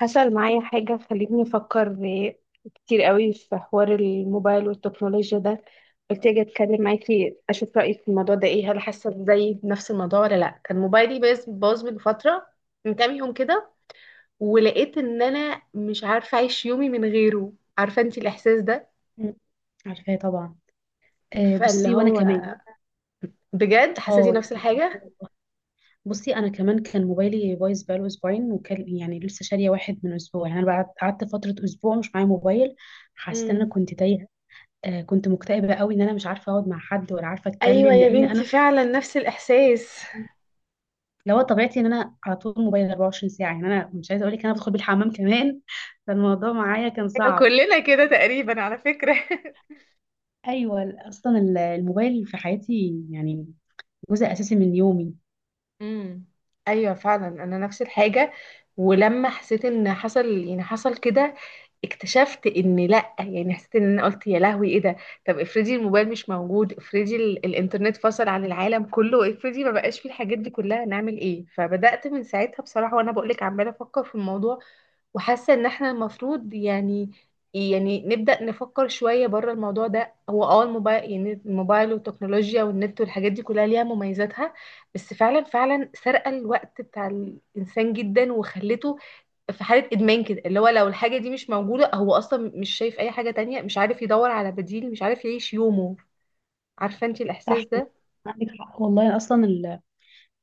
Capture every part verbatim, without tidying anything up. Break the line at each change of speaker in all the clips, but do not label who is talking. حصل معايا حاجة خلتني أفكر كتير قوي في حوار الموبايل والتكنولوجيا ده. قلت أجي أتكلم معاكي أشوف رأيك في الموضوع ده إيه، هل حاسة زي بنفس الموضوع ولا لأ. كان موبايلي باظ باظ من فترة، من كام يوم كده، ولقيت إن أنا مش عارفة أعيش يومي من غيره. عارفة أنتي الإحساس ده؟
مم. عارفاه طبعا. آه
فاللي
بصي وانا
هو
كمان.
بجد حسيتي
اه،
نفس
يعني
الحاجة؟
بصي انا كمان كان موبايلي بايظ بقاله اسبوعين، وكان يعني لسه شاريه واحد من اسبوع. يعني انا بعد قعدت فتره اسبوع مش معايا موبايل، حسيت ان انا
مم.
كنت تايهه. آه كنت مكتئبه قوي ان انا مش عارفه اقعد مع حد ولا عارفه
أيوة
اتكلم،
يا
لان
بنتي،
انا
فعلا نفس الإحساس.
لو طبيعتي ان انا على طول موبايل اربع وعشرين ساعه. يعني انا مش عايزه اقول لك، انا بدخل بيه الحمام كمان. فالموضوع معايا كان صعب.
كلنا كده تقريبا على فكرة.
ايوه، اصلا الموبايل في حياتي يعني جزء اساسي من يومي.
امم، ايوه فعلا انا نفس الحاجه. ولما حسيت ان حصل، يعني حصل كده، اكتشفت ان لا، يعني حسيت ان انا قلت يا لهوي ايه ده. طب افرضي الموبايل مش موجود، افرضي ال- الانترنت فصل عن العالم كله، افرضي ما بقاش فيه الحاجات دي كلها، نعمل ايه؟ فبدات من ساعتها بصراحه، وانا بقول لك عماله افكر في الموضوع وحاسه ان احنا المفروض يعني، يعني نبدا نفكر شويه بره الموضوع ده. هو اه الموبايل، يعني الموبايل والتكنولوجيا والنت والحاجات دي كلها، ليها مميزاتها، بس فعلا فعلا سرقه الوقت بتاع الانسان جدا، وخلته في حاله ادمان كده، اللي هو لو الحاجه دي مش موجوده، هو اصلا مش شايف اي حاجه تانية، مش عارف يدور على بديل، مش عارف يعيش يومه. عارفه انت
صح.
الاحساس ده؟
عندك حق والله، اصلا ال...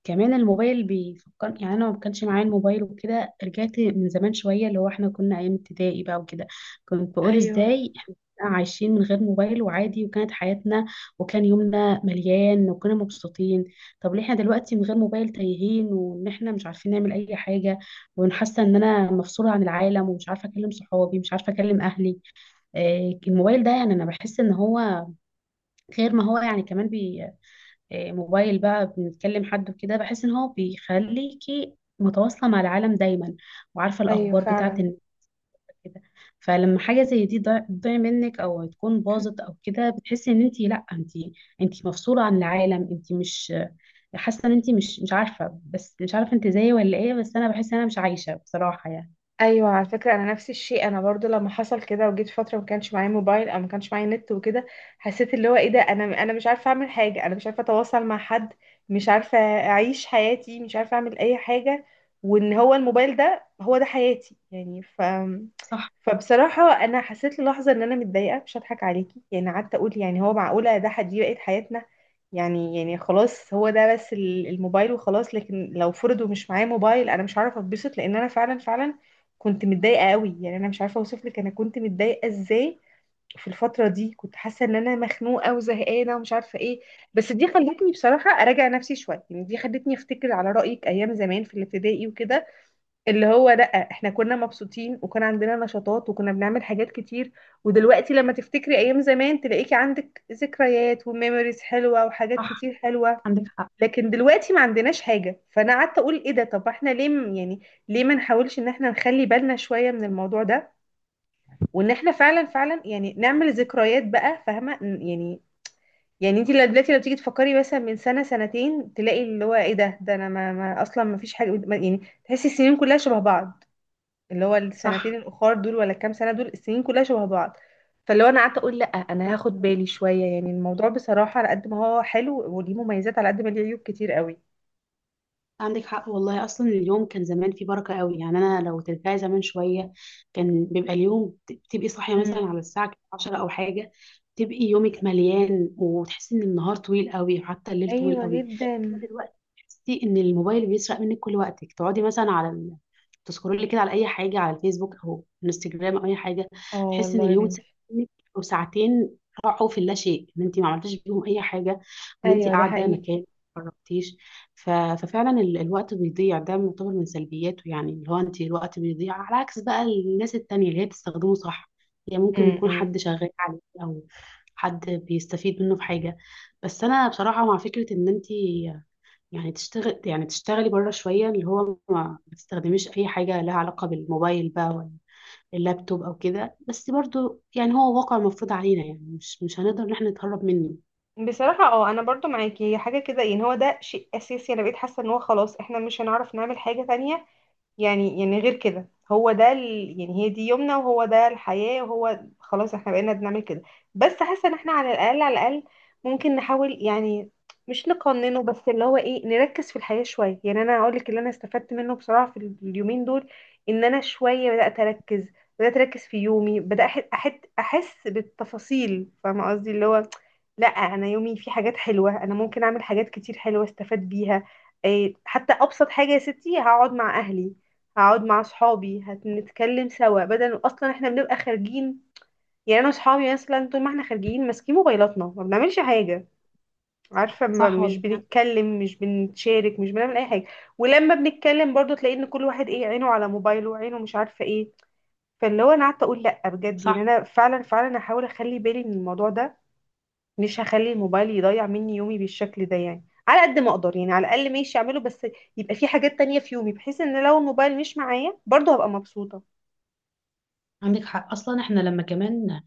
كمان الموبايل بيفكر، يعني انا ما كانش معايا الموبايل وكده، رجعت من زمان شويه، اللي هو احنا كنا ايام ابتدائي بقى وكده. كنت بقول
ايوه،
ازاي احنا كنا عايشين من غير موبايل، وعادي، وكانت حياتنا، وكان يومنا مليان، وكنا مبسوطين. طب ليه احنا دلوقتي من غير موبايل تايهين، وان احنا مش عارفين نعمل اي حاجه، وحاسه ان انا مفصوله عن العالم، ومش عارفه اكلم صحابي، مش عارفه اكلم اهلي. آه، الموبايل ده، يعني انا بحس ان هو غير ما هو، يعني كمان بي. آه، موبايل بقى بنتكلم حد وكده، بحس ان هو بيخليكي متواصلة مع العالم دايما، وعارفة
ايوه
الأخبار بتاعة
فعلا.
النت كده. فلما حاجة زي دي ضاع- تضيع منك، أو تكون باظت أو كده، بتحسي إن أنت، لأ، أنت أنت مفصولة عن العالم، أنت مش حاسة إن أنت مش مش عارفة، بس مش عارفة أنت زيي ولا إيه. بس أنا بحس إن أنا مش عايشة بصراحة يعني.
ايوه، على فكره انا نفس الشيء، انا برضو لما حصل كده وجيت فتره ما كانش معايا موبايل او ما كانش معايا نت وكده، حسيت اللي هو ايه ده، انا انا مش عارفه اعمل حاجه، انا مش عارفه اتواصل مع حد، مش عارفه اعيش حياتي، مش عارفه اعمل اي حاجه. وان هو الموبايل ده، هو ده حياتي يعني. ف
صح،
فبصراحه انا حسيت للحظه ان انا متضايقه، مش هضحك عليكي، يعني قعدت اقول يعني هو معقوله ده حد دي بقت حياتنا؟ يعني، يعني خلاص هو ده بس، ال- الموبايل وخلاص؟ لكن لو فرض ومش معايا موبايل انا مش هعرف اتبسط، لان انا فعلا فعلا كنت متضايقة قوي، يعني انا مش عارفة اوصف لك انا كنت متضايقة ازاي. في الفترة دي كنت حاسة ان انا مخنوقة وزهقانة ومش عارفة ايه. بس دي خلتني بصراحة اراجع نفسي شوية، يعني دي خلتني افتكر على رأيك ايام زمان في الابتدائي وكده، اللي هو لا، احنا كنا مبسوطين، وكان عندنا نشاطات، وكنا بنعمل حاجات كتير. ودلوقتي لما تفتكري ايام زمان تلاقيكي عندك ذكريات وميموريز حلوة وحاجات
صح.
كتير حلوة.
عندك حق.
لكن دلوقتي ما عندناش حاجة. فانا قعدت اقول ايه ده، طب احنا ليه م- يعني، ليه ما نحاولش ان احنا نخلي بالنا شوية من الموضوع ده، وان احنا فعلا فعلا يعني نعمل ذكريات بقى، فاهمة ن- يعني؟ يعني انت دلوقتي لو تيجي تفكري مثلا من سنة سنتين، تلاقي اللي هو ايه ده، ده انا ما, ما اصلا ما فيش حاجة ما- يعني تحسي السنين كلها شبه بعض، اللي هو السنتين
صح.
الاخر دول ولا الكام سنة دول، السنين كلها شبه بعض. فاللي هو انا قعدت اقول لا، انا هاخد بالي شوية، يعني الموضوع بصراحة على قد ما هو حلو وليه مميزات، على قد ما ليه عيوب كتير قوي.
عندك حق والله، اصلا اليوم كان زمان فيه بركه قوي. يعني انا لو ترجعي زمان شويه، كان بيبقى اليوم ت- تبقي صاحيه مثلا
مم.
على الساعه عشره او حاجه. تبقي يومك مليان، وتحسي ان النهار طويل قوي، وحتى الليل طويل
ايوه
قوي. اما
جدا.
دلوقتي تحسي ان الموبايل بيسرق منك كل وقتك، تقعدي مثلا على ال... تسكرولي كده على اي حاجه، على الفيسبوك او انستجرام او اي حاجه.
اه
تحسي ان
والله يا
اليوم اتسرق
بنتي.
منك، او ساعتين راحوا في اللا شيء، ان انت ما عملتيش بيهم اي حاجه، ان انت
ايوه ده
قاعده
حقيقي.
مكان ما خرجتيش. ف- ففعلا ال- الوقت بيضيع، ده يعتبر من سلبياته. يعني اللي هو انت الوقت بيضيع، على عكس بقى الناس التانية اللي هي بتستخدمه صح. يعني ممكن يكون حد
امم.
شغال عليه، او حد بيستفيد منه في حاجة. بس انا بصراحة مع فكرة ان انت يعني تشتغل، يعني تشتغلي بره شوية، اللي هو ما ما تستخدميش اي حاجة لها علاقة بالموبايل بقى، ولا اللابتوب او كده. بس برضو يعني هو واقع مفروض علينا، يعني مش مش هنقدر ان احنا نتهرب منه.
بصراحة اه، انا برضو معاكي، هي حاجة كده يعني، هو ده شيء اساسي، انا بقيت حاسة ان هو خلاص، احنا مش هنعرف نعمل حاجة تانية، يعني، يعني غير كده هو ده ال... يعني هي دي يومنا، وهو ده الحياة، وهو خلاص احنا بقينا بنعمل كده. بس حاسة ان احنا على الأقل على الأقل ممكن نحاول يعني، مش نقننه، بس اللي هو ايه، نركز في الحياة شوية. يعني انا اقول لك اللي انا استفدت منه بصراحة في اليومين دول، ان انا شوية بدأت اركز، بدأت اركز في يومي، بدأت أح- أحد احس بالتفاصيل، فاهمة قصدي؟ اللي هو لا، انا يومي فيه حاجات حلوة، انا ممكن اعمل حاجات كتير حلوة استفاد بيها. إيه، حتى ابسط حاجه يا ستي، هقعد مع اهلي، هقعد مع صحابي، هنتكلم سوا بدل اصلا احنا بنبقى خارجين. يعني انا وصحابي مثلا طول ما احنا خارجين ماسكين موبايلاتنا، ما بنعملش حاجه. عارفه، ما
صح
مش
والله.
بنتكلم، مش بنتشارك، مش بنعمل اي حاجه. ولما بنتكلم برضو تلاقي ان كل واحد ايه عينه على موبايله، عينه مش عارفه ايه. فاللي هو انا قعدت اقول لا بجد، يعني
صح.
انا فعلا فعلا هحاول اخلي بالي من الموضوع ده، مش هخلي الموبايل يضيع مني يومي بالشكل ده، يعني على قد ما اقدر، يعني على الاقل ماشي اعمله، بس يبقى في حاجات تانية في يومي، بحيث ان لو الموبايل مش معايا برضو هبقى مبسوطه.
عندك حق، اصلا احنا لما كمان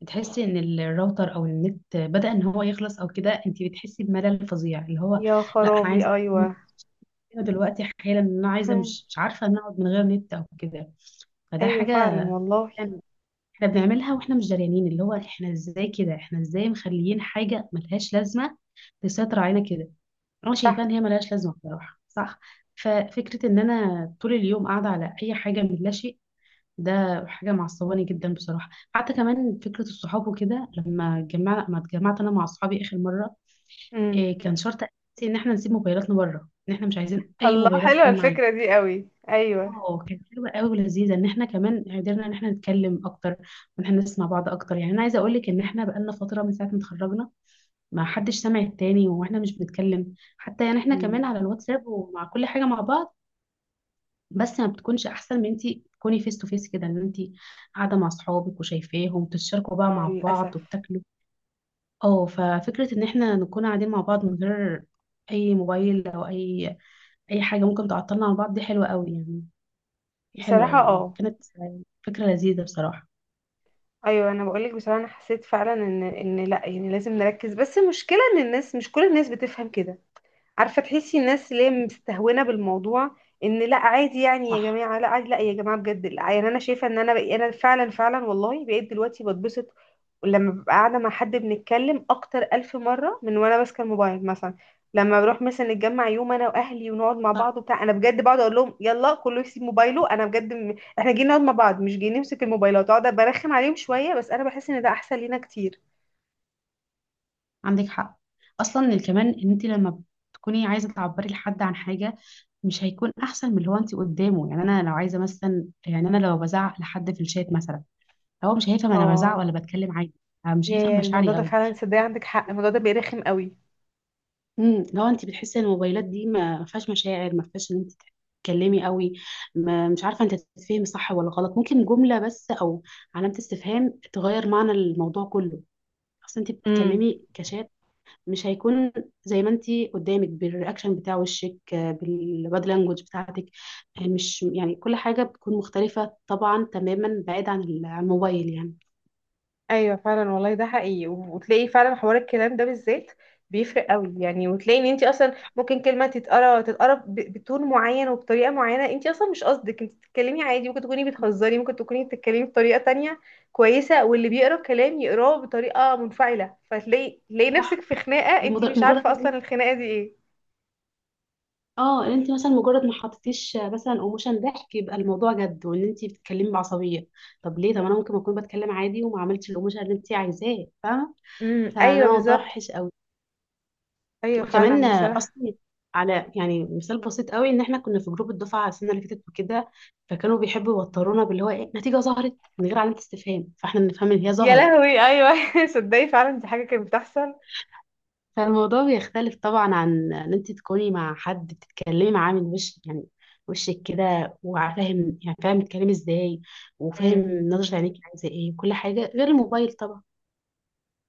بتحسي ان الراوتر او النت بدأ ان هو يخلص او كده، انت بتحسي بملل فظيع، اللي هو
يا
لا، انا
خرابي
عايزه اقوم
ايوه.
هنا دلوقتي حالا، ان انا عايزه، مش مش عارفه ان اقعد من غير نت او كده. فده
ايوه
حاجه
فعلا والله.
يعني احنا بنعملها واحنا مش دريانين، اللي هو احنا ازاي كده، احنا ازاي مخليين حاجه ملهاش لازمه تسيطر علينا كده. انا شايفه
صح.
ان هي ملهاش لازمه بصراحه. صح. ففكره ان انا طول اليوم قاعده على اي حاجه من اللاشيء، ده حاجة معصباني جدا بصراحة. حتى كمان فكرة الصحاب وكده، لما اتجمع ما اتجمعت أنا مع أصحابي آخر مرة،
امم.
إيه، كان شرط أساسي إن إحنا نسيب موبايلاتنا بره، إن إحنا مش عايزين أي
الله،
موبايلات
حلوه
تكون معانا.
الفكره دي قوي، ايوه.
اه كانت حلوة قوي ولذيذة، إن إحنا كمان قدرنا إن إحنا نتكلم أكتر، وإن إحنا نسمع بعض أكتر. يعني أنا عايزة أقول لك، إن إحنا بقالنا فترة، من ساعة ما اتخرجنا ما حدش سامع التاني، وإحنا مش بنتكلم حتى. يعني إحنا كمان على
امم.
الواتساب ومع كل حاجة مع بعض، بس ما بتكونش احسن من، انت تكوني فيس تو فيس كده، ان انت قاعده مع اصحابك وشايفاهم تتشاركوا بقى
اه
مع بعض
للاسف.
وبتاكلوا. اه ففكره ان احنا نكون قاعدين مع بعض، من غير اي موبايل، او اي اي حاجه ممكن تعطلنا عن بعض، دي حلوه قوي يعني. حلوه،
بصراحه اه.
وكانت فكره لذيذه بصراحه.
ايوه انا بقولك بصراحه، انا حسيت فعلا ان ان لا، يعني لازم نركز، بس المشكله ان الناس مش كل الناس بتفهم كده. عارفه، تحسي الناس اللي هي مستهونه بالموضوع، ان لا عادي، يعني يا
صح،
جماعه لا عادي، لا يا جماعه بجد لا، يعني انا شايفه ان انا بقى، انا فعلا فعلا والله بقيت دلوقتي بتبسط لما ببقى قاعده مع حد بنتكلم، اكتر الف مره من وانا ماسكه الموبايل مثلا. لما بروح مثلا نتجمع يوم انا واهلي ونقعد مع
صح.
بعض وبتاع، انا بجد بقعد اقول لهم يلا كله يسيب موبايله، انا بجد م... احنا جايين نقعد مع بعض، مش جايين نمسك الموبايلات. اقعد برخم عليهم شويه، بس انا بحس ان ده احسن لينا كتير.
عندك حق. اصلا كمان ان انت لما تكوني عايزه تعبري لحد عن حاجه، مش هيكون احسن من اللي هو انت قدامه. يعني انا لو عايزه مثلا، يعني انا لو بزعق لحد في الشات مثلا، هو مش هيفهم انا بزعق
اه.
ولا بتكلم عادي. آه، مش هيفهم
يا الموضوع
مشاعري
ده
قوي.
فعلا صدق، عندك حق، الموضوع ده بيرخم قوي.
امم لو انت بتحسي ان الموبايلات دي ما ما فيهاش مشاعر، ما فيهاش ان انت تتكلمي قوي، ما مش عارفه انت تتفهمي صح ولا غلط. ممكن جمله بس، او علامه استفهام، تغير معنى الموضوع كله. اصل انت
امم.
بتتكلمي كشات، مش هيكون زي ما انت قدامك بالرياكشن بتاع وشك، آه، بالبادي لانجوج بتاعتك. آه، مش يعني كل حاجه بتكون مختلفه طبعا تماما، بعيد عن ال- عن الموبايل يعني.
ايوه فعلا والله ده حقيقي. و- وتلاقي فعلا حوار الكلام ده بالذات بيفرق قوي يعني. وتلاقي ان انت اصلا ممكن كلمه تتقرا تتقرا ب- بتون معين وبطريقه معينه، انت اصلا مش قصدك، انت بتتكلمي عادي، ممكن تكوني بتهزري، ممكن تكوني بتتكلمي بطريقه تانية كويسه، واللي بيقرا الكلام يقراه بطريقه منفعله، فتلاقي، تلاقي نفسك
صح.
في خناقه انت
المجرد،
مش عارفه اصلا الخناقه دي ايه.
اه ان انت مثلا، مجرد ما حطيتيش مثلا ايموشن ضحك، يبقى الموضوع جد، وان انت بتتكلمي بعصبيه. طب ليه، طب انا ممكن اكون بتكلم عادي، وما عملتش الايموشن اللي انت عايزاه، فاهمه.
امم
فده
ايوه
موضوع
بالظبط.
وحش قوي.
ايوه
وكمان
فعلا
آه،
بصراحه.
اصلا، على يعني مثال بسيط قوي، ان احنا كنا في جروب الدفعه السنه اللي فاتت وكده، فكانوا بيحبوا يوترونا باللي هو ايه، نتيجه ظهرت من غير علامه استفهام، فاحنا نفهم ان هي
يا
ظهرت.
لهوي ايوه. صدقي فعلا دي حاجه كانت بتحصل.
فالموضوع بيختلف طبعا عن ان انت تكوني مع حد بتتكلمي معاه من وش، يعني وشك كده، وفاهم يعني فاهم بتتكلمي ازاي، وفاهم نظرة عينيك عايزة ايه، وكل حاجة، غير الموبايل طبعا.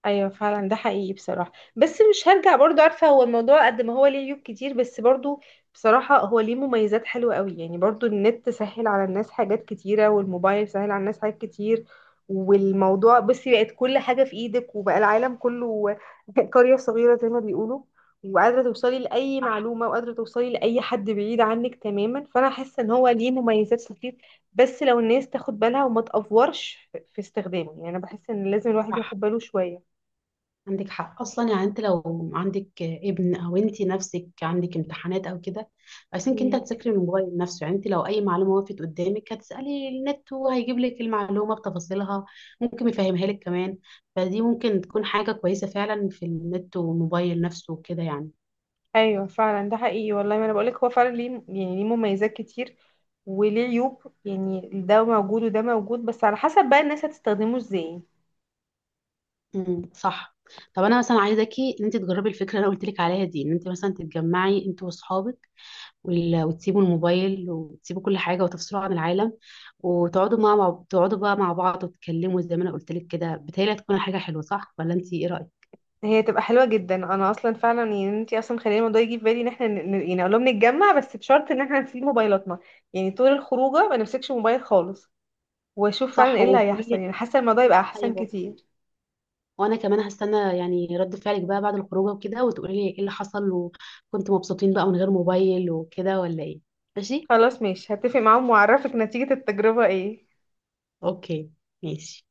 ايوه فعلا ده حقيقي بصراحه. بس مش هرجع برضو، عارفه، هو الموضوع قد ما هو ليه عيوب كتير، بس برضو بصراحه هو ليه مميزات حلوه قوي يعني. برضو النت سهل على الناس حاجات كتيره، والموبايل سهل على الناس حاجات كتير. والموضوع بصي بقت كل حاجه في ايدك، وبقى العالم كله قريه صغيره زي ما بيقولوا. وقادره توصلي لاي
صح،
معلومه، وقادره توصلي لاي حد بعيد عنك تماما. فانا حاسه ان هو ليه مميزات كتير، بس لو الناس تاخد بالها وما تأفورش في في استخدامه، يعني انا بحس ان لازم الواحد
صح.
ياخد باله شويه.
عندك حق. اصلا يعني انت لو عندك ابن، او انت نفسك عندك امتحانات او كده، عايزينك انت
مم.
تذاكري من الموبايل نفسه. يعني انت لو اي معلومه وقفت قدامك، هتسالي النت وهيجيب لك المعلومه بتفاصيلها، ممكن يفهمها لك كمان. فدي ممكن تكون حاجه كويسه فعلا في النت والموبايل نفسه وكده يعني.
ايوه فعلا ده حقيقي والله. ما انا بقولك، هو فعلا ليه يعني، ليه مميزات كتير وليه عيوب، يعني ده موجود وده موجود، بس على حسب بقى الناس هتستخدمه ازاي.
امم، صح. طب انا مثلا عايزاكي ان انت تجربي الفكره اللي انا قلت لك عليها دي، ان انت مثلا تتجمعي انت واصحابك، وال- وتسيبوا الموبايل وتسيبوا كل حاجة، وتفصلوا عن العالم، وتقعدوا مع مع- تقعدوا بقى مع بعض وتتكلموا زي ما انا قلت لك كده. بتهيألي هتكون حاجة حلوة، صح ولا انت ايه رأيك؟
هي تبقى حلوه جدا، انا اصلا فعلا يعني، انتي اصلا خلينا الموضوع يجي في بالي، ان احنا ن- ن- يعني اقول لهم نتجمع، بس بشرط ان احنا نسيب موبايلاتنا، يعني طول الخروجه ما نمسكش موبايل خالص، واشوف فعلا
صح.
ايه اللي
وقولي
هيحصل.
لي.
يعني حاسه الموضوع يبقى احسن
ايوه.
كتير.
وانا كمان هستنى يعني رد فعلك بقى بعد الخروجه وكده، وتقولي لي ايه اللي حصل، وكنتوا مبسوطين بقى من غير موبايل وكده ولا ايه. ماشي.
خلاص ماشي، هتفق معاهم واعرفك نتيجه التجربه ايه.
اوكي. ماشي.